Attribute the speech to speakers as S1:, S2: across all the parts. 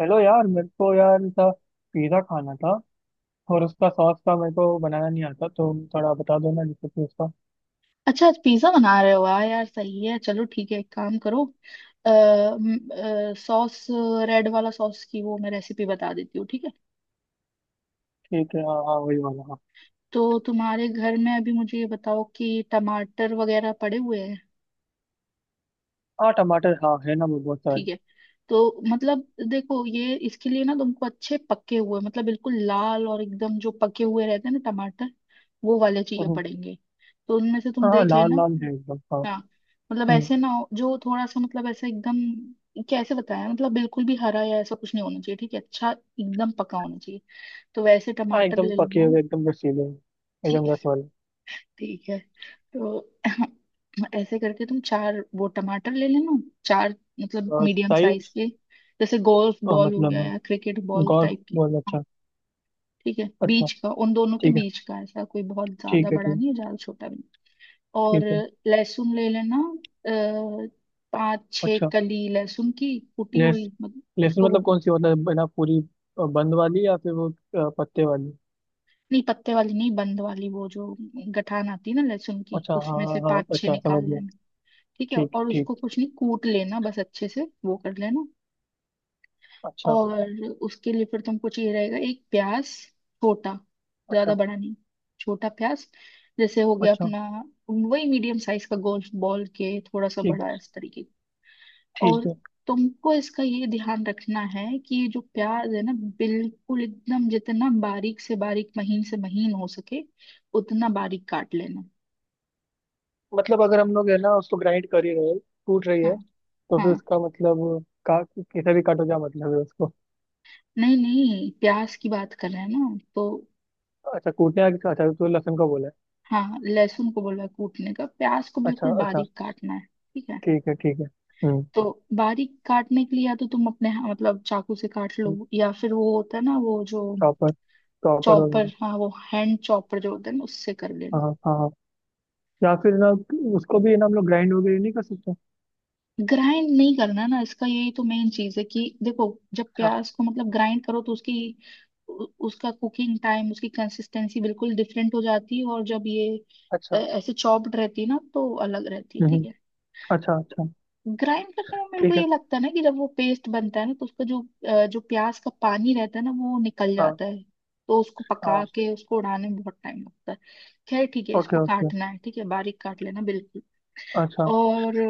S1: Hello यार। मेरे को यार था, पिज़्ज़ा खाना था। और उसका सॉस का मेरे को बनाना नहीं आता, तो थोड़ा बता दो ना रेसिपी उसका।
S2: अच्छा आज पिज्जा बना रहे हो, वाह यार सही है। चलो ठीक है, एक काम करो। अः सॉस, रेड वाला सॉस की वो मैं रेसिपी बता देती हूँ, ठीक है।
S1: ठीक है, हाँ हाँ, वही वाला हाँ।
S2: तो तुम्हारे घर में अभी मुझे ये बताओ कि टमाटर वगैरह पड़े हुए हैं।
S1: हाँ टमाटर, हाँ है ना, वो बहुत
S2: ठीक
S1: सारे।
S2: है। तो मतलब देखो, ये इसके लिए ना तुमको अच्छे पके हुए मतलब बिल्कुल लाल और एकदम जो पके हुए रहते हैं ना टमाटर, वो वाले चाहिए
S1: हम्म।
S2: पड़ेंगे। तो उनमें से तुम
S1: हाँ हाँ,
S2: देख
S1: लाल
S2: लेना।
S1: लाल है एकदम हाँ।
S2: हाँ। मतलब
S1: हम्म।
S2: ऐसे ना हो जो थोड़ा सा मतलब, ऐसा एकदम कैसे बताया, मतलब बिल्कुल भी हरा या ऐसा कुछ नहीं होना चाहिए, ठीक है। अच्छा, एकदम पका होना चाहिए। तो वैसे
S1: हाँ
S2: टमाटर
S1: एकदम
S2: ले
S1: पके
S2: लेना।
S1: हुए, एकदम रसीले,
S2: ठीक।
S1: एकदम रस वाले।
S2: ठीक है। तो ऐसे करके तुम चार वो टमाटर ले लेना। चार, मतलब
S1: और
S2: मीडियम साइज
S1: साइज?
S2: के, जैसे गोल्फ बॉल हो गया
S1: मतलब
S2: या क्रिकेट बॉल
S1: गौर
S2: टाइप के।
S1: बहुत
S2: हाँ,
S1: अच्छा।
S2: ठीक है,
S1: अच्छा।
S2: बीच का, उन दोनों के
S1: ठीक है
S2: बीच का, ऐसा कोई बहुत ज्यादा
S1: ठीक है
S2: बड़ा
S1: ठीक।
S2: नहीं है, ज्यादा छोटा भी नहीं। और
S1: ठीक है।
S2: लहसुन ले लेना। अ, पाँच छह
S1: अच्छा।
S2: कली लहसुन की, कुटी हुई,
S1: लेस
S2: मतलब
S1: लहसुन
S2: उसको वो
S1: मतलब
S2: कर।
S1: कौन सी होता है? बिना पूरी बंद वाली, या फिर वो पत्ते वाली?
S2: नहीं, पत्ते वाली नहीं, बंद वाली, वो जो गठान आती है ना लहसुन की,
S1: अच्छा हाँ
S2: उसमें से
S1: हाँ हाँ,
S2: पाँच छह
S1: अच्छा
S2: निकाल
S1: समझ गया।
S2: लेना। ठीक है।
S1: ठीक
S2: और उसको
S1: ठीक।
S2: कुछ नहीं, कूट लेना बस अच्छे से, वो कर लेना।
S1: अच्छा
S2: और उसके लिए फिर तुमको चाहिए रहेगा एक प्याज, छोटा, ज्यादा
S1: अच्छा
S2: बड़ा नहीं, छोटा प्याज, जैसे हो गया
S1: अच्छा।
S2: अपना, वही मीडियम साइज का, गोल बॉल के थोड़ा सा
S1: ठीक है
S2: बड़ा इस तरीके। और
S1: ठीक है।
S2: तुमको इसका ये ध्यान रखना है कि ये जो प्याज है ना, बिल्कुल एकदम जितना बारीक से बारीक, महीन से महीन हो सके, उतना बारीक काट लेना।
S1: मतलब अगर हम लोग है ना, उसको ग्राइंड कर ही रहे हैं, कूट रही
S2: हाँ
S1: है, तो फिर
S2: हाँ।
S1: उसका मतलब का कैसे भी काटो, क्या मतलब है उसको?
S2: नहीं नहीं, प्याज की बात कर रहे हैं ना तो।
S1: अच्छा, कूटने आगे, अच्छा तो लहसुन का बोला है।
S2: हाँ, लहसुन को बोला कूटने का, प्याज को
S1: अच्छा
S2: बिल्कुल
S1: अच्छा।
S2: बारीक काटना है, ठीक है।
S1: ठीक है ठीक है। हम्म।
S2: तो बारीक काटने के लिए या तो तुम अपने हाँ, मतलब चाकू से काट लो, या फिर वो होता है ना, वो जो
S1: प्रॉपर, प्रॉपर हो
S2: चॉपर,
S1: गई।
S2: हाँ वो हैंड चॉपर जो होता है ना, उससे कर लेना।
S1: हाँ हाँ हाँ हाँ। या फिर ना, उसको भी है ना हम लोग ग्राइंड वगैरह नहीं कर सकते?
S2: ग्राइंड नहीं करना ना इसका, यही तो मेन चीज है कि देखो, जब
S1: अच्छा।
S2: प्याज को मतलब ग्राइंड करो तो उसकी उसका कुकिंग टाइम, उसकी कंसिस्टेंसी बिल्कुल डिफरेंट हो जाती है, और जब ये
S1: अच्छा।
S2: ऐसे चॉप्ड रहती है ना तो अलग रहती है, ठीक
S1: हम्म।
S2: है।
S1: अच्छा अच्छा।
S2: ग्राइंड करने में मेरे को
S1: ठीक है।
S2: ये लगता है ना कि जब वो पेस्ट बनता है ना तो उसका जो जो प्याज का पानी रहता है ना वो निकल
S1: हाँ
S2: जाता है, तो उसको पका
S1: हाँ।
S2: के उसको उड़ाने में बहुत टाइम लगता है। खैर ठीक है,
S1: ओके
S2: इसको
S1: ओके।
S2: काटना है, ठीक है, बारीक काट लेना बिल्कुल।
S1: अच्छा।
S2: और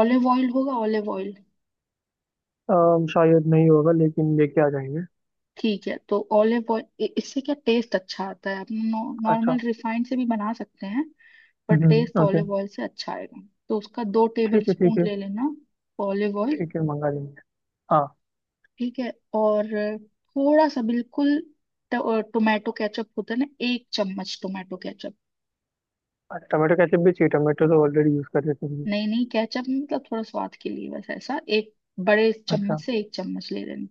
S2: ऑलिव ऑयल होगा, ऑलिव ऑयल।
S1: शायद नहीं होगा, लेकिन लेके आ जाएंगे।
S2: ठीक है, तो ऑलिव ऑयल, इससे क्या टेस्ट अच्छा आता है, आप नॉर्मल
S1: अच्छा।
S2: रिफाइंड से भी बना सकते हैं, पर टेस्ट
S1: ओके।
S2: ऑलिव ऑयल से अच्छा आएगा। तो उसका दो टेबल
S1: ठीक है
S2: स्पून
S1: ठीक है।
S2: ले लेना, ऑलिव ऑयल।
S1: ठीक है, मंगा लेंगे। हाँ।
S2: ठीक है। और थोड़ा सा, बिल्कुल टोमेटो केचप होता है ना, एक चम्मच टोमेटो केचप।
S1: अच्छा, टमाटो केचप भी चाहिए? टमाटो तो ऑलरेडी यूज़ कर रहे हैं सब्जी।
S2: नहीं नहीं, केचप मतलब थोड़ा स्वाद के लिए बस, ऐसा एक बड़े
S1: अच्छा।
S2: चम्मच से एक चम्मच ले लेना,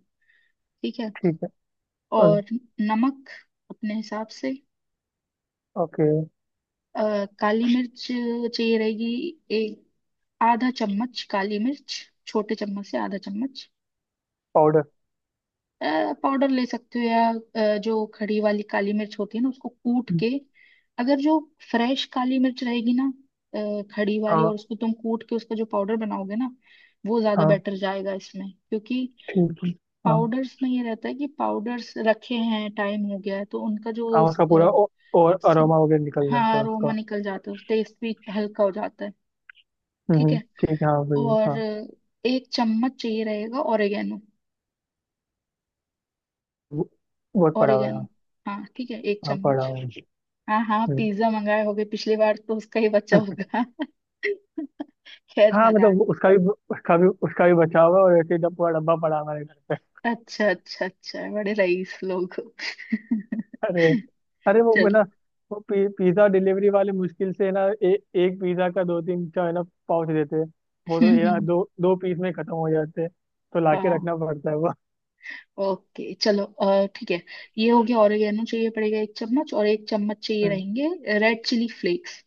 S2: ठीक है।
S1: ठीक है। ओ-
S2: और नमक अपने हिसाब से।
S1: ओके।
S2: काली मिर्च चाहिए रहेगी, एक आधा चम्मच काली मिर्च, छोटे चम्मच से आधा चम्मच।
S1: पाउडर।
S2: पाउडर ले सकते हो या जो खड़ी वाली काली मिर्च होती है ना उसको कूट के, अगर जो फ्रेश काली मिर्च रहेगी ना, खड़ी वाली,
S1: हाँ
S2: और उसको तुम कूट के उसका जो पाउडर बनाओगे ना, वो ज्यादा
S1: हाँ।
S2: बेटर जाएगा इसमें, क्योंकि
S1: ठीक है। हाँ
S2: पाउडर्स में ये रहता है कि पाउडर्स रखे हैं, टाइम हो गया है, तो उनका जो
S1: हाँ उसका पूरा और अरोमा वगैरह निकल जाता
S2: हाँ,
S1: है
S2: अरोमा
S1: उसका।
S2: निकल जाता है, टेस्ट भी हल्का हो जाता है, ठीक है।
S1: ठीक है, हाँ भाई
S2: और
S1: हाँ।
S2: एक चम्मच चाहिए रहेगा, ओरिगेनो।
S1: वो- बहुत पड़ा हुआ है।
S2: ओरिगेनो,
S1: हाँ
S2: हाँ ठीक है, एक
S1: हाँ पड़ा
S2: चम्मच।
S1: हुआ है।
S2: हाँ हाँ,
S1: हम्म।
S2: पिज्जा मंगाए होगे पिछली बार, तो उसका ही बचा होगा। खैर
S1: हाँ
S2: मजाक।
S1: मतलब उसका भी, उसका भी बचा हुआ है, और ऐसे ही पूरा डब्बा पड़ा हुआ है घर।
S2: अच्छा अच्छा अच्छा, बड़े रईस लोग हो।
S1: अरे, अरे वो है ना,
S2: चलो।
S1: वो पिज्जा डिलीवरी वाले मुश्किल से है ना एक पिज्जा का दो तीन का है ना पाउच देते हैं। वो तो
S2: हम्म
S1: यार
S2: हम्म,
S1: दो दो पीस में खत्म हो जाते हैं। तो लाके
S2: हाँ
S1: रखना पड़ता है वो।
S2: ओके, चलो ठीक है। ये हो गया, ऑरिगेनो चाहिए पड़ेगा एक चम्मच, और एक चम्मच चाहिए
S1: हम्म।
S2: रहेंगे रेड चिली फ्लेक्स।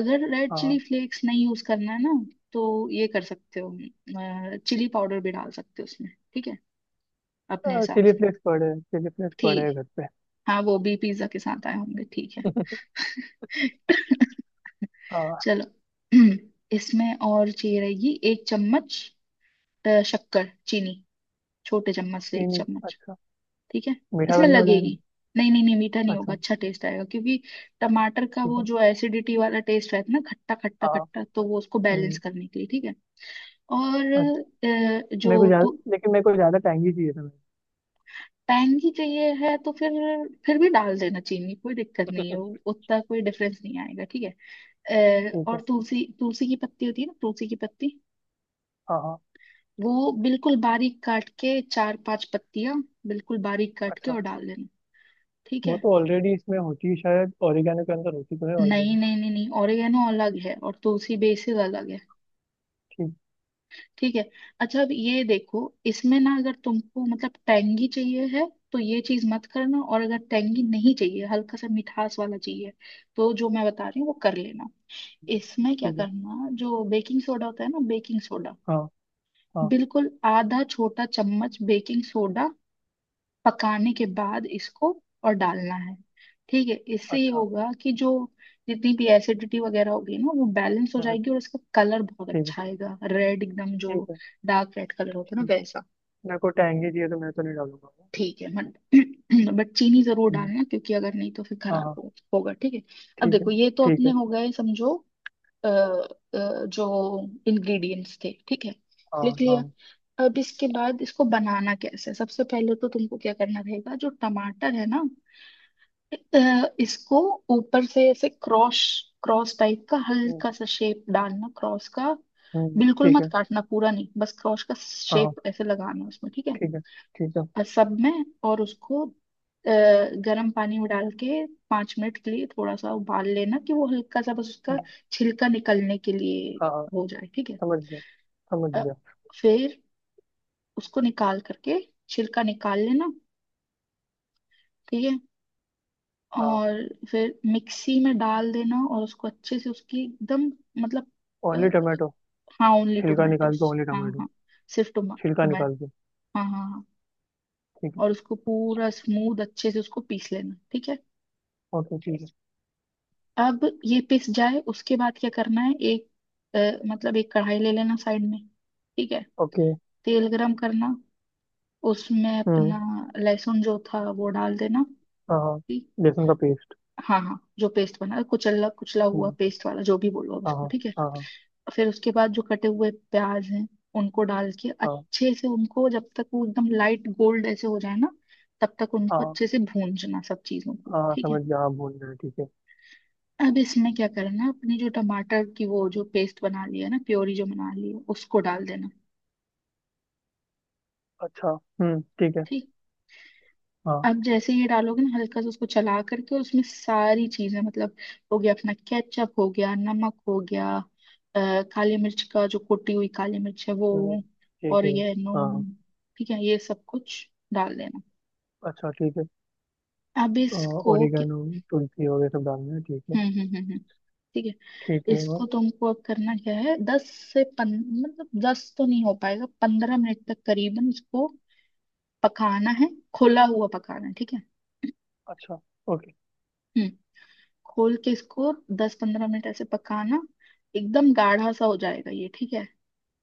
S2: अगर रेड चिली
S1: हाँ।
S2: फ्लेक्स नहीं यूज करना है ना, तो ये कर सकते हो, चिली पाउडर भी डाल सकते हो उसमें, ठीक है, अपने हिसाब से।
S1: चिली फ्लेक्स पड़े हैं
S2: ठीक।
S1: घर पे।
S2: हाँ, वो भी पिज्जा के साथ आए होंगे, ठीक है।
S1: हाँ।
S2: चलो। इसमें और चाहिए रहेगी एक चम्मच शक्कर, चीनी, छोटे चम्मच से एक
S1: चीनी?
S2: चम्मच,
S1: अच्छा।
S2: ठीक है,
S1: मीठा तो
S2: इसमें
S1: नहीं हो जाएगा?
S2: लगेगी। नहीं नहीं नहीं, मीठा नहीं होगा,
S1: अच्छा
S2: अच्छा टेस्ट आएगा क्योंकि टमाटर का
S1: ठीक
S2: वो
S1: है,
S2: जो एसिडिटी वाला टेस्ट रहता है ना, खट्टा खट्टा
S1: हाँ।
S2: खट्टा, तो वो उसको बैलेंस
S1: हम्म।
S2: करने के लिए, ठीक है। और
S1: अच्छा,
S2: जो तो,
S1: मेरे को ज्यादा टैंगी चाहिए था मेरे को।
S2: पैंगी चाहिए है तो फिर भी डाल देना चीनी, कोई दिक्कत नहीं है, वो उतना कोई डिफरेंस नहीं आएगा, ठीक है।
S1: ठीक
S2: और
S1: है,
S2: तुलसी, तुलसी की पत्ती होती है ना, तुलसी की पत्ती,
S1: हाँ हाँ।
S2: वो बिल्कुल बारीक काट के, चार पांच पत्तियां बिल्कुल बारीक काट के
S1: अच्छा,
S2: और डाल देना, ठीक
S1: वो
S2: है।
S1: तो ऑलरेडी इसमें होती है शायद, ओरिगेनो के अंदर होती तो है
S2: नहीं
S1: ऑलरेडी।
S2: नहीं नहीं नहीं, ओरिगेनो अलग है और तुलसी बेसिल अलग है,
S1: ठीक।
S2: ठीक है। अच्छा, अब ये देखो, इसमें ना अगर तुमको मतलब टेंगी चाहिए है, तो ये चीज मत करना, और अगर टेंगी नहीं चाहिए, हल्का सा मिठास वाला चाहिए, तो जो मैं बता रही हूँ वो कर लेना। इसमें क्या
S1: ठीक है।
S2: करना, जो बेकिंग सोडा होता है ना, बेकिंग सोडा,
S1: हाँ हाँ।
S2: बिल्कुल आधा छोटा चम्मच बेकिंग सोडा, पकाने के बाद इसको और डालना है, ठीक है। इससे ये
S1: अच्छा।
S2: होगा कि जो जितनी भी एसिडिटी वगैरह होगी ना, वो बैलेंस हो
S1: हम्म हम्म,
S2: जाएगी, और इसका कलर बहुत
S1: ठीक है।
S2: अच्छा आएगा, रेड एकदम, जो
S1: ठीक है।
S2: डार्क रेड कलर होता है ना,
S1: ठीक।
S2: वैसा।
S1: मेरे को टहंगी चाहिए, तो मैं तो नहीं डालूंगा।
S2: ठीक है मत, बट चीनी जरूर
S1: हम्म,
S2: डालना क्योंकि अगर नहीं तो फिर
S1: हाँ
S2: खराब
S1: हाँ,
S2: होगा, ठीक है। अब
S1: ठीक है।
S2: देखो, ये तो
S1: ठीक
S2: अपने
S1: है।
S2: हो गए समझो जो इंग्रेडिएंट्स थे, ठीक है,
S1: हाँ
S2: लिख
S1: हाँ।
S2: लिया। अब इसके बाद इसको बनाना कैसे है, सबसे पहले तो तुमको क्या करना रहेगा, जो टमाटर है ना अ, इसको ऊपर से ऐसे क्रॉस, क्रॉस टाइप का
S1: हम्म
S2: हल्का सा शेप डालना, क्रॉस का।
S1: हम्म।
S2: बिल्कुल
S1: ठीक
S2: मत
S1: है।
S2: काटना पूरा, नहीं, बस क्रॉस का
S1: हाँ हाँ
S2: शेप ऐसे लगाना उसमें, ठीक है।
S1: ठीक है ठीक है।
S2: और सब में, और उसको गरम पानी में डाल के 5 मिनट के लिए थोड़ा सा उबाल लेना, कि वो हल्का सा बस उसका
S1: हम्म।
S2: छिलका निकलने के लिए
S1: हाँ हाँ
S2: हो जाए, ठीक है।
S1: समझ गया समझ
S2: अ,
S1: गया।
S2: फिर उसको निकाल करके छिलका निकाल लेना, ठीक है।
S1: हाँ
S2: और फिर मिक्सी में डाल देना, और उसको अच्छे से उसकी एकदम, मतलब अ,
S1: ओनली टमाटो।
S2: हाँ, ओनली
S1: छिलका निकाल
S2: टोमेटोस,
S1: के ओनली
S2: हाँ
S1: टमाटो।
S2: हाँ, सिर्फ टोमा
S1: छिलका
S2: टोमेटो,
S1: निकाल के।
S2: हाँ हाँ हाँ।
S1: ठीक है।
S2: और उसको पूरा स्मूथ अच्छे से उसको पीस लेना, ठीक है।
S1: ओके ठीक है।
S2: अब ये पिस जाए, उसके बाद क्या करना है, एक मतलब एक कढ़ाई ले लेना साइड में, ठीक है।
S1: ओके।
S2: तेल गरम करना, उसमें
S1: हम्म।
S2: अपना लहसुन जो था वो डाल देना,
S1: हाँ हाँ।
S2: ठीक?
S1: लहसुन का पेस्ट।
S2: हाँ हाँ, जो पेस्ट बना, कुचला कुचला हुआ,
S1: हम्म।
S2: पेस्ट वाला जो भी बोलो आप
S1: हाँ
S2: उसको,
S1: हाँ।
S2: ठीक है।
S1: हाँ।
S2: फिर उसके बाद जो कटे हुए प्याज हैं, उनको डाल के
S1: हाँ
S2: अच्छे से, उनको जब तक वो एकदम लाइट गोल्ड ऐसे हो जाए ना, तब तक उनको
S1: हाँ
S2: अच्छे से भूनना, सब चीजों को,
S1: हाँ हाँ
S2: ठीक है।
S1: समझ गया, हाँ बोल रहे हैं, ठीक है।
S2: अब इसमें क्या करना है, अपनी जो टमाटर की वो जो पेस्ट बना ली है ना, प्योरी जो बना ली है, उसको डाल देना,
S1: अच्छा। ठीक है।
S2: ठीक है।
S1: हाँ।
S2: अब जैसे ये डालोगे ना, हल्का सा उसको चला करके, और उसमें सारी चीजें, मतलब हो गया अपना केचप, हो गया नमक, हो गया काली मिर्च का, जो कुटी हुई काली मिर्च है
S1: हम्म,
S2: वो,
S1: ठीक
S2: और
S1: है।
S2: ये नून,
S1: हाँ।
S2: ठीक है, ये सब कुछ डाल देना।
S1: अच्छा ठीक है।
S2: अब इसको
S1: ओरिगेनो, तुलसी वगैरह सब डालना है, ठीक है।
S2: हम्म हम्म हम्म हम्म, ठीक है।
S1: ठीक है और?
S2: इसको तुमको अब करना क्या है, दस से पन मतलब दस तो नहीं हो पाएगा, 15 मिनट तक करीबन इसको पकाना है। खुला हुआ पकाना है, ठीक है।
S1: अच्छा। ओके।
S2: हम्म, खोल के इसको 10-15 मिनट ऐसे पकाना, एकदम गाढ़ा सा हो जाएगा ये, ठीक है।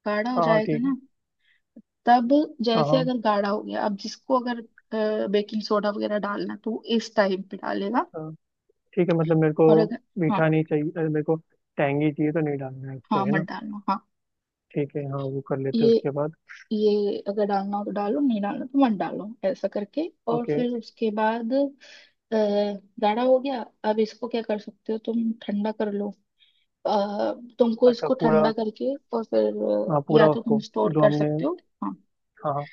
S2: गाढ़ा हो
S1: हाँ हाँ
S2: जाएगा
S1: ठीक है।
S2: ना, तब,
S1: हाँ
S2: जैसे
S1: हाँ।
S2: अगर गाढ़ा हो गया, अब जिसको अगर बेकिंग सोडा वगैरह डालना, तो वो इस टाइम पे डालेगा।
S1: अच्छा ठीक है, मतलब मेरे को
S2: और अगर, हाँ
S1: मीठा नहीं चाहिए, अरे मेरे को टैंगी चाहिए, तो नहीं डालना है उसको,
S2: हाँ,
S1: है
S2: मत
S1: ना?
S2: डालना, हाँ।
S1: ठीक है हाँ, वो कर लेते हैं
S2: ये
S1: उसके बाद।
S2: ये अगर डालना हो तो डालो, नहीं डालना तो मत डालो, ऐसा करके, और
S1: ओके।
S2: फिर उसके बाद गाढ़ा हो गया। अब इसको क्या कर सकते हो, तुम ठंडा कर लो। अ, तुमको
S1: अच्छा
S2: इसको
S1: पूरा?
S2: ठंडा करके, और फिर
S1: हाँ पूरा
S2: या तो तुम
S1: उसको,
S2: स्टोर
S1: जो
S2: कर
S1: हमने।
S2: सकते हो। हाँ,
S1: हाँ हाँ।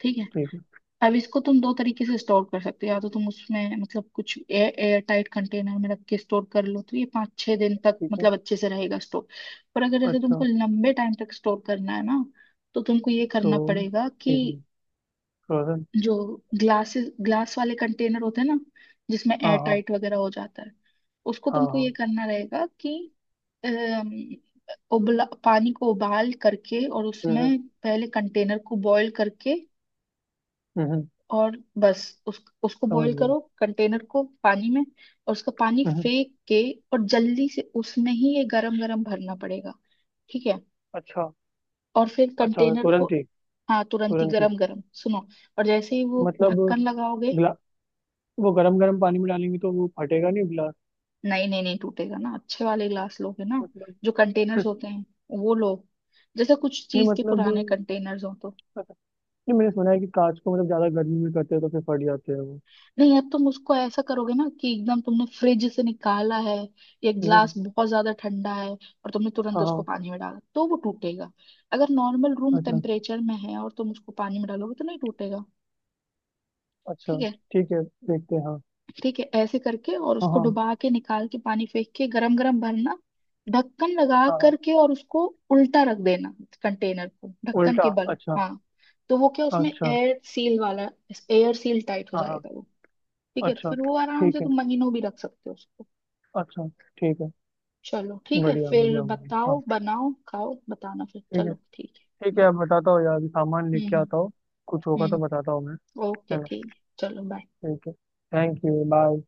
S2: ठीक है।
S1: ठीक है
S2: अब इसको तुम दो तरीके से स्टोर कर सकते हो, या तो तुम उसमें मतलब कुछ एयर एयर टाइट कंटेनर में रख के स्टोर कर लो, तो ये 5-6 दिन तक
S1: ठीक है।
S2: मतलब अच्छे से रहेगा स्टोर। पर अगर जैसे
S1: अच्छा,
S2: तुमको लंबे टाइम तक स्टोर करना है ना, तो तुमको ये
S1: तो
S2: करना पड़ेगा
S1: ठीक है,
S2: कि
S1: फ्रोजन।
S2: जो ग्लास वाले कंटेनर होते हैं ना, जिसमें
S1: हाँ
S2: एयर
S1: हाँ।
S2: टाइट वगैरह हो जाता है, उसको
S1: हाँ
S2: तुमको ये
S1: हाँ।
S2: करना रहेगा कि अम, उबला पानी को उबाल करके, और
S1: हम्म
S2: उसमें पहले कंटेनर को बॉईल करके,
S1: हम्म।
S2: और बस उस उसको
S1: समझ
S2: बॉईल
S1: गया।
S2: करो कंटेनर को पानी में, और उसका पानी
S1: हम्म।
S2: फेंक के, और जल्दी से उसमें ही ये गरम गरम भरना पड़ेगा, ठीक है।
S1: अच्छा।
S2: और फिर
S1: अच्छा
S2: कंटेनर को,
S1: तुरंत ही।
S2: हाँ तुरंत ही
S1: तुरंत ही।
S2: गरम गरम सुनो, और जैसे ही वो
S1: मतलब,
S2: ढक्कन लगाओगे।
S1: ग्ला वो गरम गरम पानी में डालेंगे तो वो फटेगा नहीं गिलास?
S2: नहीं नहीं नहीं, टूटेगा ना, अच्छे वाले ग्लास लोगे ना,
S1: मतलब।
S2: जो कंटेनर्स होते हैं वो लो, जैसे कुछ
S1: नहीं
S2: चीज के
S1: मतलब,
S2: पुराने कंटेनर्स हो तो।
S1: नहीं मैंने सुना है कि कांच को मतलब ज्यादा गर्मी में करते हैं तो फिर फट जाते हैं वो।
S2: नहीं, अब तुम उसको ऐसा करोगे ना कि एकदम तुमने फ्रिज से निकाला है, ये
S1: वो-
S2: ग्लास बहुत ज्यादा ठंडा है, और तुमने तुरंत
S1: हाँ
S2: उसको
S1: हाँ।
S2: पानी में डाला, तो वो टूटेगा। अगर नॉर्मल रूम
S1: अच्छा।
S2: टेम्परेचर में है और तुम उसको पानी में डालोगे, तो नहीं टूटेगा, ठीक
S1: अच्छा
S2: है।
S1: ठीक है, देखते हैं हाँ।
S2: ठीक है, ऐसे करके और
S1: हाँ
S2: उसको
S1: हाँ।
S2: डुबा के निकाल के, पानी फेंक के, गरम गरम भरना, ढक्कन लगा
S1: हाँ हाँ,
S2: करके, और उसको उल्टा रख देना, कंटेनर को ढक्कन
S1: उल्टा,
S2: के बल,
S1: अच्छा।
S2: हाँ। तो वो क्या, उसमें
S1: अच्छा।
S2: एयर सील टाइट हो
S1: हाँ हाँ।
S2: जाएगा वो, ठीक है। तो
S1: अच्छा
S2: फिर वो आराम से
S1: ठीक है।
S2: तुम महीनों भी रख सकते हो उसको।
S1: अच्छा ठीक है।
S2: चलो ठीक है,
S1: बढ़िया
S2: फिर
S1: बढ़िया, हो गया हाँ।
S2: बताओ, बनाओ, खाओ, बताना फिर,
S1: ठीक है।
S2: चलो ठीक है,
S1: ठीक है,
S2: बाय।
S1: आप बताता हो यार, अभी सामान लेके
S2: हम्म
S1: आता हूँ। कुछ होगा तो बताता
S2: हम्म
S1: हूँ मैं।
S2: ओके
S1: है ना?
S2: ठीक है, चलो बाय।
S1: ठीक है। Thank you bye.